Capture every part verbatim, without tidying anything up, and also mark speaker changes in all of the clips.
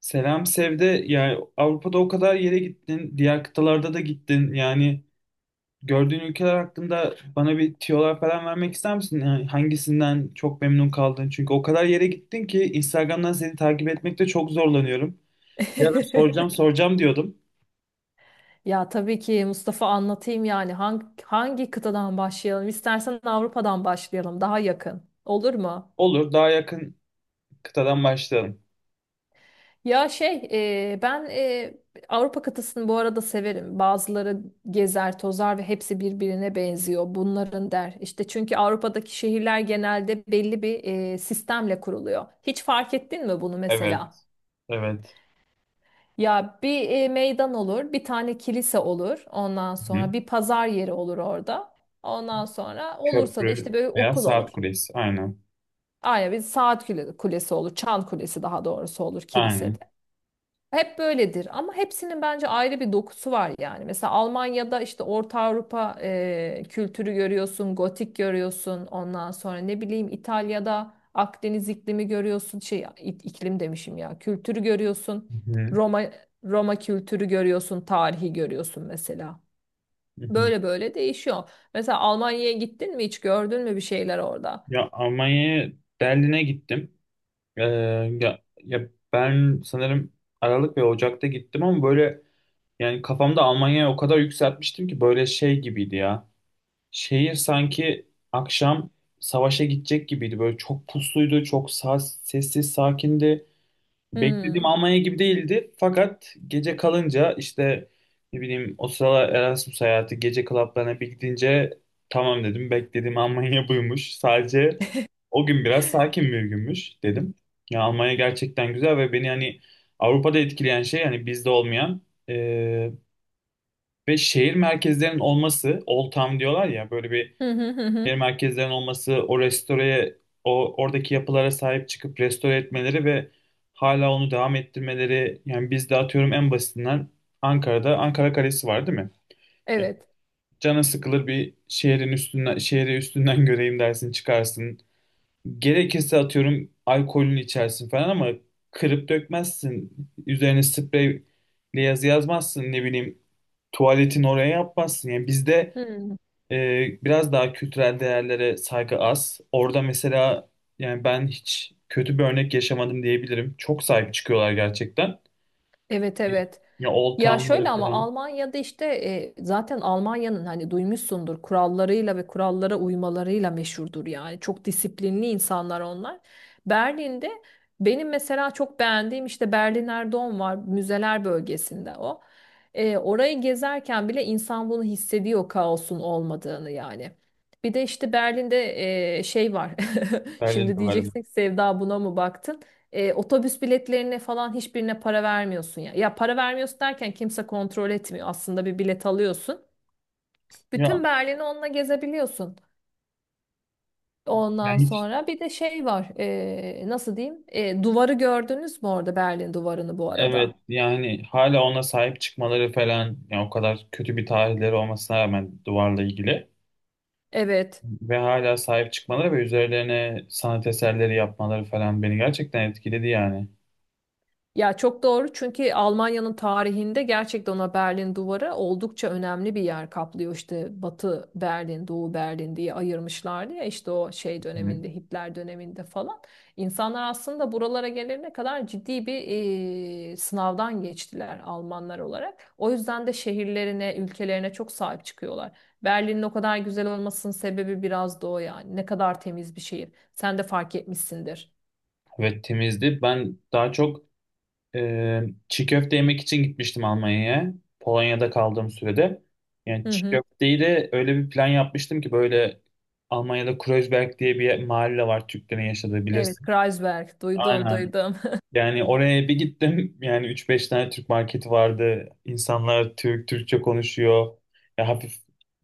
Speaker 1: Selam Sevde, yani Avrupa'da o kadar yere gittin, diğer kıtalarda da gittin. Yani gördüğün ülkeler hakkında bana bir tiyolar falan vermek ister misin? Yani hangisinden çok memnun kaldın? Çünkü o kadar yere gittin ki Instagram'dan seni takip etmekte çok zorlanıyorum. Ya da soracağım soracağım diyordum.
Speaker 2: Ya tabii ki Mustafa anlatayım yani hangi, hangi kıtadan başlayalım? İstersen Avrupa'dan başlayalım, daha yakın. Olur mu?
Speaker 1: Olur, daha yakın kıtadan başlayalım.
Speaker 2: Ya şey e, ben e, Avrupa kıtasını bu arada severim. Bazıları gezer tozar ve hepsi birbirine benziyor. Bunların der. İşte, çünkü Avrupa'daki şehirler genelde belli bir e, sistemle kuruluyor. Hiç fark ettin mi bunu mesela?
Speaker 1: Evet, evet.
Speaker 2: Ya, bir e, meydan olur, bir tane kilise olur. Ondan sonra
Speaker 1: Hı.
Speaker 2: bir pazar yeri olur orada. Ondan sonra olursa da işte
Speaker 1: Köprü
Speaker 2: böyle
Speaker 1: veya
Speaker 2: okul
Speaker 1: saat
Speaker 2: olur.
Speaker 1: kulesi, aynen.
Speaker 2: Aynen, bir saat kule- kulesi olur, çan kulesi daha doğrusu olur
Speaker 1: Aynen.
Speaker 2: kilisede. Hep böyledir ama hepsinin bence ayrı bir dokusu var yani. Mesela Almanya'da işte Orta Avrupa e, kültürü görüyorsun, gotik görüyorsun. Ondan sonra ne bileyim İtalya'da Akdeniz iklimi görüyorsun. Şey i- iklim demişim ya. Kültürü görüyorsun.
Speaker 1: Hı hı.
Speaker 2: Roma Roma kültürü görüyorsun, tarihi görüyorsun mesela.
Speaker 1: Hı hı.
Speaker 2: Böyle böyle değişiyor. Mesela Almanya'ya gittin mi, hiç gördün mü bir şeyler orada?
Speaker 1: Ya Almanya'ya Berlin'e gittim. Ee, ya, ya ben sanırım Aralık ve Ocak'ta gittim ama böyle yani kafamda Almanya'ya o kadar yükseltmiştim ki böyle şey gibiydi ya. Şehir sanki akşam savaşa gidecek gibiydi. Böyle çok pusluydu, çok sa- sessiz, sakindi. Beklediğim
Speaker 2: Hmm.
Speaker 1: Almanya gibi değildi. Fakat gece kalınca işte ne bileyim o sıralar Erasmus hayatı gece klaplarına bir gidince tamam dedim. Beklediğim Almanya buymuş. Sadece o gün biraz sakin bir günmüş dedim. Ya Almanya gerçekten güzel ve beni hani Avrupa'da etkileyen şey hani bizde olmayan e, ve şehir merkezlerinin olması, Old Town diyorlar ya böyle bir
Speaker 2: Hı hı hı
Speaker 1: şehir
Speaker 2: hı.
Speaker 1: merkezlerinin olması, o restoreye, o oradaki yapılara sahip çıkıp restore etmeleri ve hala onu devam ettirmeleri. Yani biz de atıyorum en basitinden Ankara'da Ankara Kalesi var değil mi?
Speaker 2: Evet.
Speaker 1: Canın sıkılır bir şehrin üstünden, şehri üstünden göreyim dersin çıkarsın. Gerekirse atıyorum alkolünü içersin falan ama kırıp dökmezsin. Üzerine spreyle yazı yazmazsın, ne bileyim, tuvaletin oraya yapmazsın. Yani bizde
Speaker 2: Hı.
Speaker 1: e, biraz daha kültürel değerlere saygı az. Orada mesela yani ben hiç kötü bir örnek yaşamadım diyebilirim. Çok sahip çıkıyorlar gerçekten.
Speaker 2: Evet, evet.
Speaker 1: Ya Old
Speaker 2: Ya şöyle,
Speaker 1: Town'ları
Speaker 2: ama
Speaker 1: falan
Speaker 2: Almanya'da işte e, zaten Almanya'nın hani duymuşsundur, kurallarıyla ve kurallara uymalarıyla meşhurdur yani. Çok disiplinli insanlar onlar. Berlin'de benim mesela çok beğendiğim işte Berliner Dom var, müzeler bölgesinde o. E, orayı gezerken bile insan bunu hissediyor, kaosun olmadığını yani. Bir de işte Berlin'de e, şey var.
Speaker 1: öyle
Speaker 2: Şimdi
Speaker 1: diyorlar.
Speaker 2: diyeceksin ki Sevda, buna mı baktın? E, otobüs biletlerine falan hiçbirine para vermiyorsun ya. Ya para vermiyorsun derken, kimse kontrol etmiyor. Aslında bir bilet alıyorsun.
Speaker 1: Ya
Speaker 2: Bütün Berlin'i onunla gezebiliyorsun. Ondan
Speaker 1: yani hiç
Speaker 2: sonra bir de şey var. E, nasıl diyeyim? E, duvarı gördünüz mü orada, Berlin duvarını bu
Speaker 1: evet,
Speaker 2: arada?
Speaker 1: yani hala ona sahip çıkmaları falan, yani o kadar kötü bir tarihleri olmasına rağmen duvarla ilgili
Speaker 2: Evet.
Speaker 1: ve hala sahip çıkmaları ve üzerlerine sanat eserleri yapmaları falan beni gerçekten etkiledi yani.
Speaker 2: Ya çok doğru, çünkü Almanya'nın tarihinde gerçekten ona Berlin Duvarı oldukça önemli bir yer kaplıyor. İşte Batı Berlin, Doğu Berlin diye ayırmışlardı ya, işte o şey
Speaker 1: Hı.
Speaker 2: döneminde, Hitler döneminde falan. İnsanlar aslında buralara gelene kadar ciddi bir eee, sınavdan geçtiler Almanlar olarak. O yüzden de şehirlerine, ülkelerine çok sahip çıkıyorlar. Berlin'in o kadar güzel olmasının sebebi biraz da o yani. Ne kadar temiz bir şehir. Sen de fark etmişsindir.
Speaker 1: Ve temizdi. Ben daha çok Ee, çiğ köfte yemek için gitmiştim Almanya'ya. Polonya'da kaldığım sürede. Yani
Speaker 2: Hı
Speaker 1: çiğ
Speaker 2: hı.
Speaker 1: köfteyi de öyle bir plan yapmıştım ki böyle Almanya'da Kreuzberg diye bir yer- mahalle var, Türklerin yaşadığı,
Speaker 2: Evet,
Speaker 1: bilirsin.
Speaker 2: Kreuzberg. Duydum,
Speaker 1: Aynen.
Speaker 2: duydum.
Speaker 1: Yani oraya bir gittim. Yani üç beş tane Türk marketi vardı. İnsanlar Türk, Türkçe konuşuyor. Ya hafif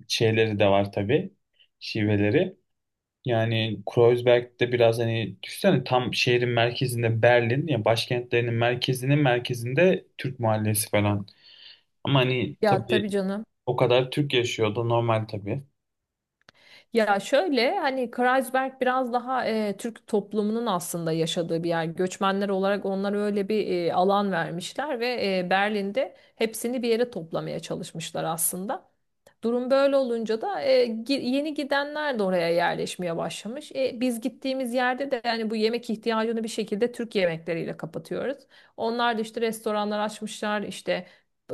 Speaker 1: şeyleri de var tabii. Şiveleri. Yani Kreuzberg'de biraz, hani düşünsene, tam şehrin merkezinde, Berlin ya, başkentlerinin merkezinin merkezinde Türk mahallesi falan. Ama hani
Speaker 2: Ya
Speaker 1: tabii
Speaker 2: tabii canım.
Speaker 1: o kadar Türk yaşıyor da, normal tabii.
Speaker 2: Ya şöyle, hani Kreuzberg biraz daha e, Türk toplumunun aslında yaşadığı bir yer. Göçmenler olarak onlara öyle bir e, alan vermişler ve e, Berlin'de hepsini bir yere toplamaya çalışmışlar aslında. Durum böyle olunca da e, gi- yeni gidenler de oraya yerleşmeye başlamış. E, biz gittiğimiz yerde de yani bu yemek ihtiyacını bir şekilde Türk yemekleriyle kapatıyoruz. Onlar da işte restoranlar açmışlar, işte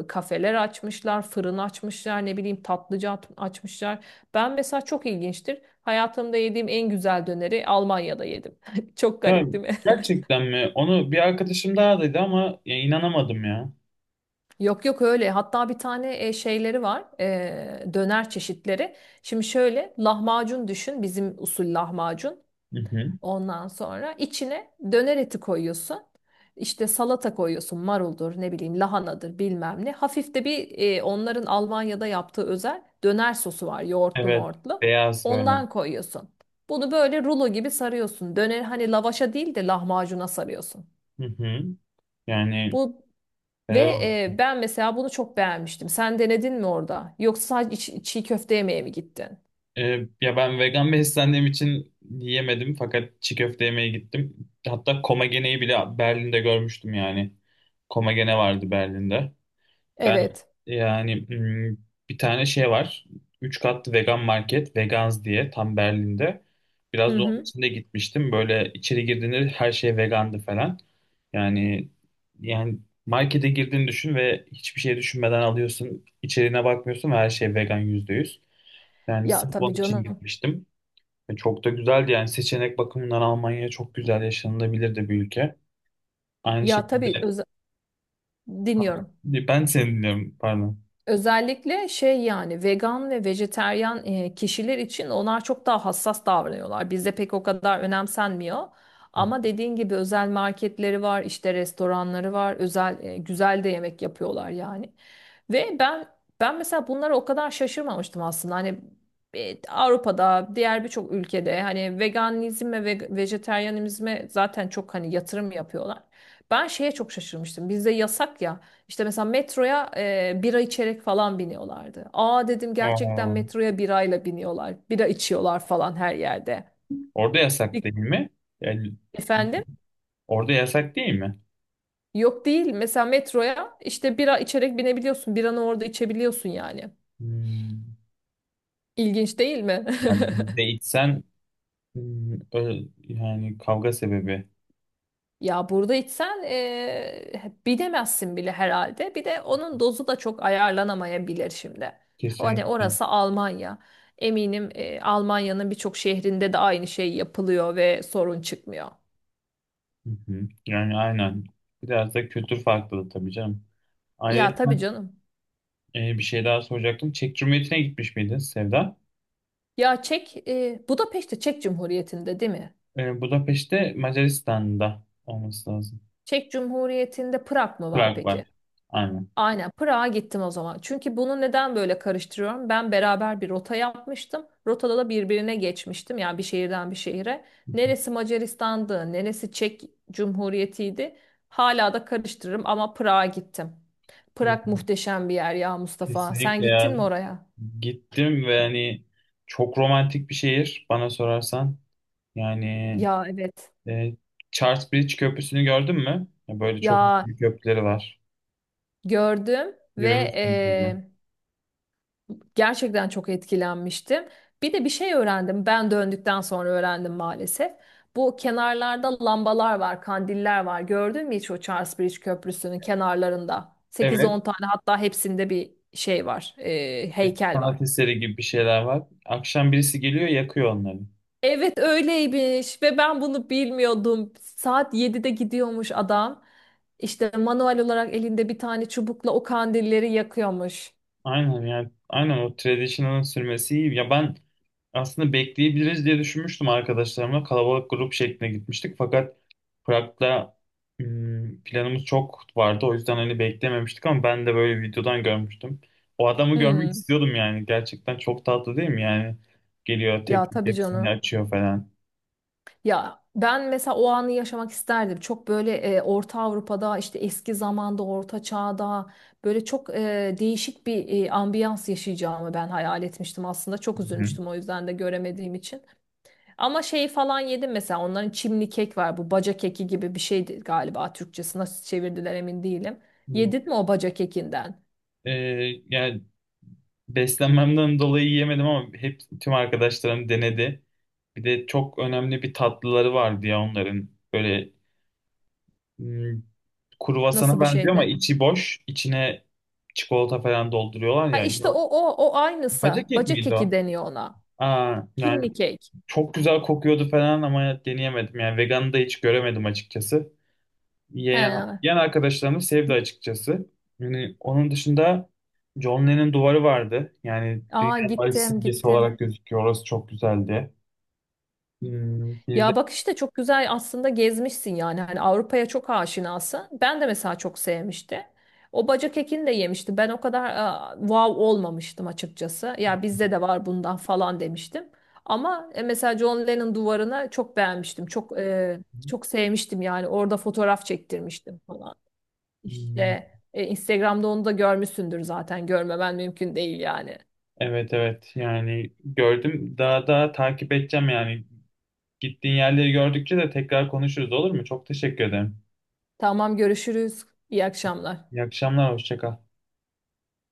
Speaker 2: kafeler açmışlar, fırın açmışlar, ne bileyim tatlıcı at- açmışlar. Ben mesela, çok ilginçtir, hayatımda yediğim en güzel döneri Almanya'da yedim. Çok
Speaker 1: Ya
Speaker 2: garip değil mi?
Speaker 1: gerçekten mi? Onu bir arkadaşım daha dedi ama ya inanamadım ya.
Speaker 2: Yok yok, öyle. Hatta bir tane e, şeyleri var. E, döner çeşitleri. Şimdi şöyle, lahmacun düşün. Bizim usul lahmacun.
Speaker 1: Hı hı.
Speaker 2: Ondan sonra içine döner eti koyuyorsun. İşte salata koyuyorsun. Maruldur, ne bileyim lahanadır, bilmem ne. Hafif de bir e, onların Almanya'da yaptığı özel döner sosu var, yoğurtlu
Speaker 1: Evet.
Speaker 2: mortlu.
Speaker 1: Beyaz böyle.
Speaker 2: Ondan koyuyorsun. Bunu böyle rulo gibi sarıyorsun. Döner, hani lavaşa değil de lahmacuna sarıyorsun.
Speaker 1: Hı hı. Yani
Speaker 2: Bu ve
Speaker 1: helal.
Speaker 2: e, Ben mesela bunu çok beğenmiştim. Sen denedin mi orada? Yoksa sadece çi- çiğ köfte yemeye mi gittin?
Speaker 1: Ee, ya ben vegan beslendiğim için yiyemedim fakat çiğ köfte yemeye gittim. Hatta Komagene'yi bile Berlin'de görmüştüm yani. Komagene vardı Berlin'de. Ben
Speaker 2: Evet.
Speaker 1: yani hmm, bir tane şey var. Üç katlı vegan market, Vegans diye, tam Berlin'de. Biraz
Speaker 2: Hı
Speaker 1: da onun
Speaker 2: hı.
Speaker 1: içinde gitmiştim. Böyle içeri girdiğinde her şey vegandı falan. Yani yani markete girdiğini düşün ve hiçbir şey düşünmeden alıyorsun. İçeriğine bakmıyorsun ve her şey vegan, yüzde yüz. Yani
Speaker 2: Ya
Speaker 1: sırf onun
Speaker 2: tabii
Speaker 1: için
Speaker 2: canım.
Speaker 1: gitmiştim. Ve çok da güzeldi yani, seçenek bakımından Almanya çok güzel, yaşanılabilir de bir ülke. Aynı
Speaker 2: Ya
Speaker 1: şekilde
Speaker 2: tabii, öz dinliyorum.
Speaker 1: ben seni dinliyorum, pardon.
Speaker 2: Özellikle şey yani vegan ve vejeteryan e, kişiler için onlar çok daha hassas davranıyorlar. Bizde pek o kadar önemsenmiyor. Ama dediğin gibi özel marketleri var, işte restoranları var, özel e, güzel de yemek yapıyorlar yani. Ve ben ben mesela bunlara o kadar şaşırmamıştım aslında. Hani e, Avrupa'da, diğer birçok ülkede hani veganizme ve vejeteryanizme zaten çok hani yatırım yapıyorlar. Ben şeye çok şaşırmıştım. Bizde yasak ya. İşte mesela metroya e, bira içerek falan biniyorlardı. Aa, dedim, gerçekten
Speaker 1: Aa,
Speaker 2: metroya birayla biniyorlar. Bira içiyorlar falan her yerde.
Speaker 1: orada yasak
Speaker 2: Bir-
Speaker 1: değil mi? Yani,
Speaker 2: Efendim?
Speaker 1: orada yasak değil mi?
Speaker 2: Yok, değil. Mesela metroya işte bira içerek binebiliyorsun. Biranı orada içebiliyorsun yani.
Speaker 1: Hmm.
Speaker 2: İlginç değil mi?
Speaker 1: Yani bizde içsen hmm, ö- yani kavga sebebi
Speaker 2: Ya burada içsen e, bilemezsin bile herhalde. Bir de onun dozu da çok ayarlanamayabilir şimdi. O hani,
Speaker 1: kesinlikle. Hı
Speaker 2: orası Almanya. Eminim e, Almanya'nın birçok şehrinde de aynı şey yapılıyor ve sorun çıkmıyor.
Speaker 1: hı. Yani aynen. Biraz da kültür farklılığı tabii canım.
Speaker 2: Ya
Speaker 1: Ayrıca
Speaker 2: tabii canım.
Speaker 1: e, bir şey daha soracaktım. Çek Cumhuriyeti'ne gitmiş miydin Sevda?
Speaker 2: Ya Çek, e, Budapeşte Çek Cumhuriyeti'nde değil mi?
Speaker 1: E, Budapeşte Macaristan'da olması lazım.
Speaker 2: Çek Cumhuriyeti'nde Prag mı
Speaker 1: Tamam.
Speaker 2: var
Speaker 1: Prag var.
Speaker 2: peki?
Speaker 1: Aynen.
Speaker 2: Aynen, Prag'a gittim o zaman. Çünkü bunu neden böyle karıştırıyorum? Ben beraber bir rota yapmıştım. Rotada da birbirine geçmiştim. Yani bir şehirden bir şehire. Neresi Macaristan'dı, neresi Çek Cumhuriyeti'ydi. Hala da karıştırırım, ama Prag'a gittim.
Speaker 1: Hı.
Speaker 2: Prag muhteşem bir yer ya Mustafa. Sen
Speaker 1: Kesinlikle,
Speaker 2: gittin mi
Speaker 1: yani
Speaker 2: oraya?
Speaker 1: gittim ve hani çok romantik bir şehir bana sorarsan. Yani
Speaker 2: Ya evet.
Speaker 1: e, Charles Bridge Köprüsü'nü gördün mü? Ya böyle çok
Speaker 2: Ya
Speaker 1: büyük köprüleri var.
Speaker 2: gördüm ve
Speaker 1: Yürümüşsün.
Speaker 2: e, gerçekten çok etkilenmiştim. Bir de bir şey öğrendim. Ben döndükten sonra öğrendim maalesef. Bu kenarlarda lambalar var, kandiller var. Gördün mü hiç o Charles Bridge Köprüsü'nün kenarlarında? Sekiz
Speaker 1: Evet.
Speaker 2: on tane, hatta hepsinde bir şey var, e,
Speaker 1: Bir
Speaker 2: heykel
Speaker 1: sanat
Speaker 2: var.
Speaker 1: eseri gibi bir şeyler var. Akşam birisi geliyor, yakıyor onları.
Speaker 2: Evet, öyleymiş ve ben bunu bilmiyordum. Saat yedide gidiyormuş adam. İşte manuel olarak elinde bir tane çubukla o kandilleri yakıyormuş.
Speaker 1: Aynen, yani aynen o traditional'ın sürmesi iyi. Ya ben aslında bekleyebiliriz diye düşünmüştüm arkadaşlarımla. Kalabalık grup şeklinde gitmiştik. Fakat Prag'da hmm, planımız çok vardı. O yüzden hani beklememiştik ama ben de böyle videodan görmüştüm. O adamı görmek
Speaker 2: Hmm.
Speaker 1: istiyordum yani. Gerçekten çok tatlı değil mi? Yani geliyor, tek
Speaker 2: Ya tabii
Speaker 1: hepsini
Speaker 2: canım.
Speaker 1: açıyor falan.
Speaker 2: Ya ben mesela o anı yaşamak isterdim. Çok böyle e, Orta Avrupa'da işte eski zamanda Orta Çağ'da böyle çok e, değişik bir e, ambiyans yaşayacağımı ben hayal etmiştim aslında. Çok
Speaker 1: Hı hı.
Speaker 2: üzülmüştüm o yüzden de, göremediğim için. Ama şeyi falan yedim mesela, onların çimli kek var, bu baca keki gibi bir şeydi galiba. Türkçesi nasıl çevirdiler emin değilim. Yedin mi o baca kekinden?
Speaker 1: Ee, yani beslenmemden dolayı yiyemedim ama hep tüm arkadaşlarım denedi. Bir de çok önemli bir tatlıları vardı ya onların. Böyle hmm, kruvasana
Speaker 2: Nasıl bir
Speaker 1: benziyor ama
Speaker 2: şeydi?
Speaker 1: içi boş. İçine çikolata falan dolduruyorlar
Speaker 2: Ha
Speaker 1: ya.
Speaker 2: işte o o o
Speaker 1: Acı
Speaker 2: aynısı.
Speaker 1: kek
Speaker 2: Baca
Speaker 1: miydi
Speaker 2: keki
Speaker 1: o?
Speaker 2: deniyor ona.
Speaker 1: Aa, yani
Speaker 2: Çimli kek.
Speaker 1: çok güzel kokuyordu falan ama deneyemedim. Yani veganı da hiç göremedim açıkçası.
Speaker 2: He.
Speaker 1: Yeğen,
Speaker 2: Evet.
Speaker 1: yeğen arkadaşlarımı sevdi açıkçası. Yani onun dışında John Lennon duvarı vardı. Yani
Speaker 2: Aa,
Speaker 1: dünya barış
Speaker 2: gittim
Speaker 1: simgesi
Speaker 2: gittim.
Speaker 1: olarak gözüküyor. Orası çok güzeldi. Hmm, bir de
Speaker 2: Ya bak işte, çok güzel aslında gezmişsin yani, hani Avrupa'ya çok aşinasın. Ben de mesela çok sevmişti. O bacak ekini de yemişti. Ben o kadar e, wow olmamıştım açıkçası. Ya bizde de var bundan falan demiştim. Ama e, mesela John Lennon duvarını çok beğenmiştim. Çok, e, çok sevmiştim yani. Orada fotoğraf çektirmiştim falan.
Speaker 1: hmm,
Speaker 2: İşte e, Instagram'da onu da görmüşsündür zaten. Görmemen mümkün değil yani.
Speaker 1: evet, evet, yani gördüm. Daha daha takip edeceğim yani. Gittiğin yerleri gördükçe de tekrar konuşuruz, olur mu? Çok teşekkür ederim.
Speaker 2: Tamam, görüşürüz. İyi akşamlar.
Speaker 1: İyi akşamlar, hoşça kal.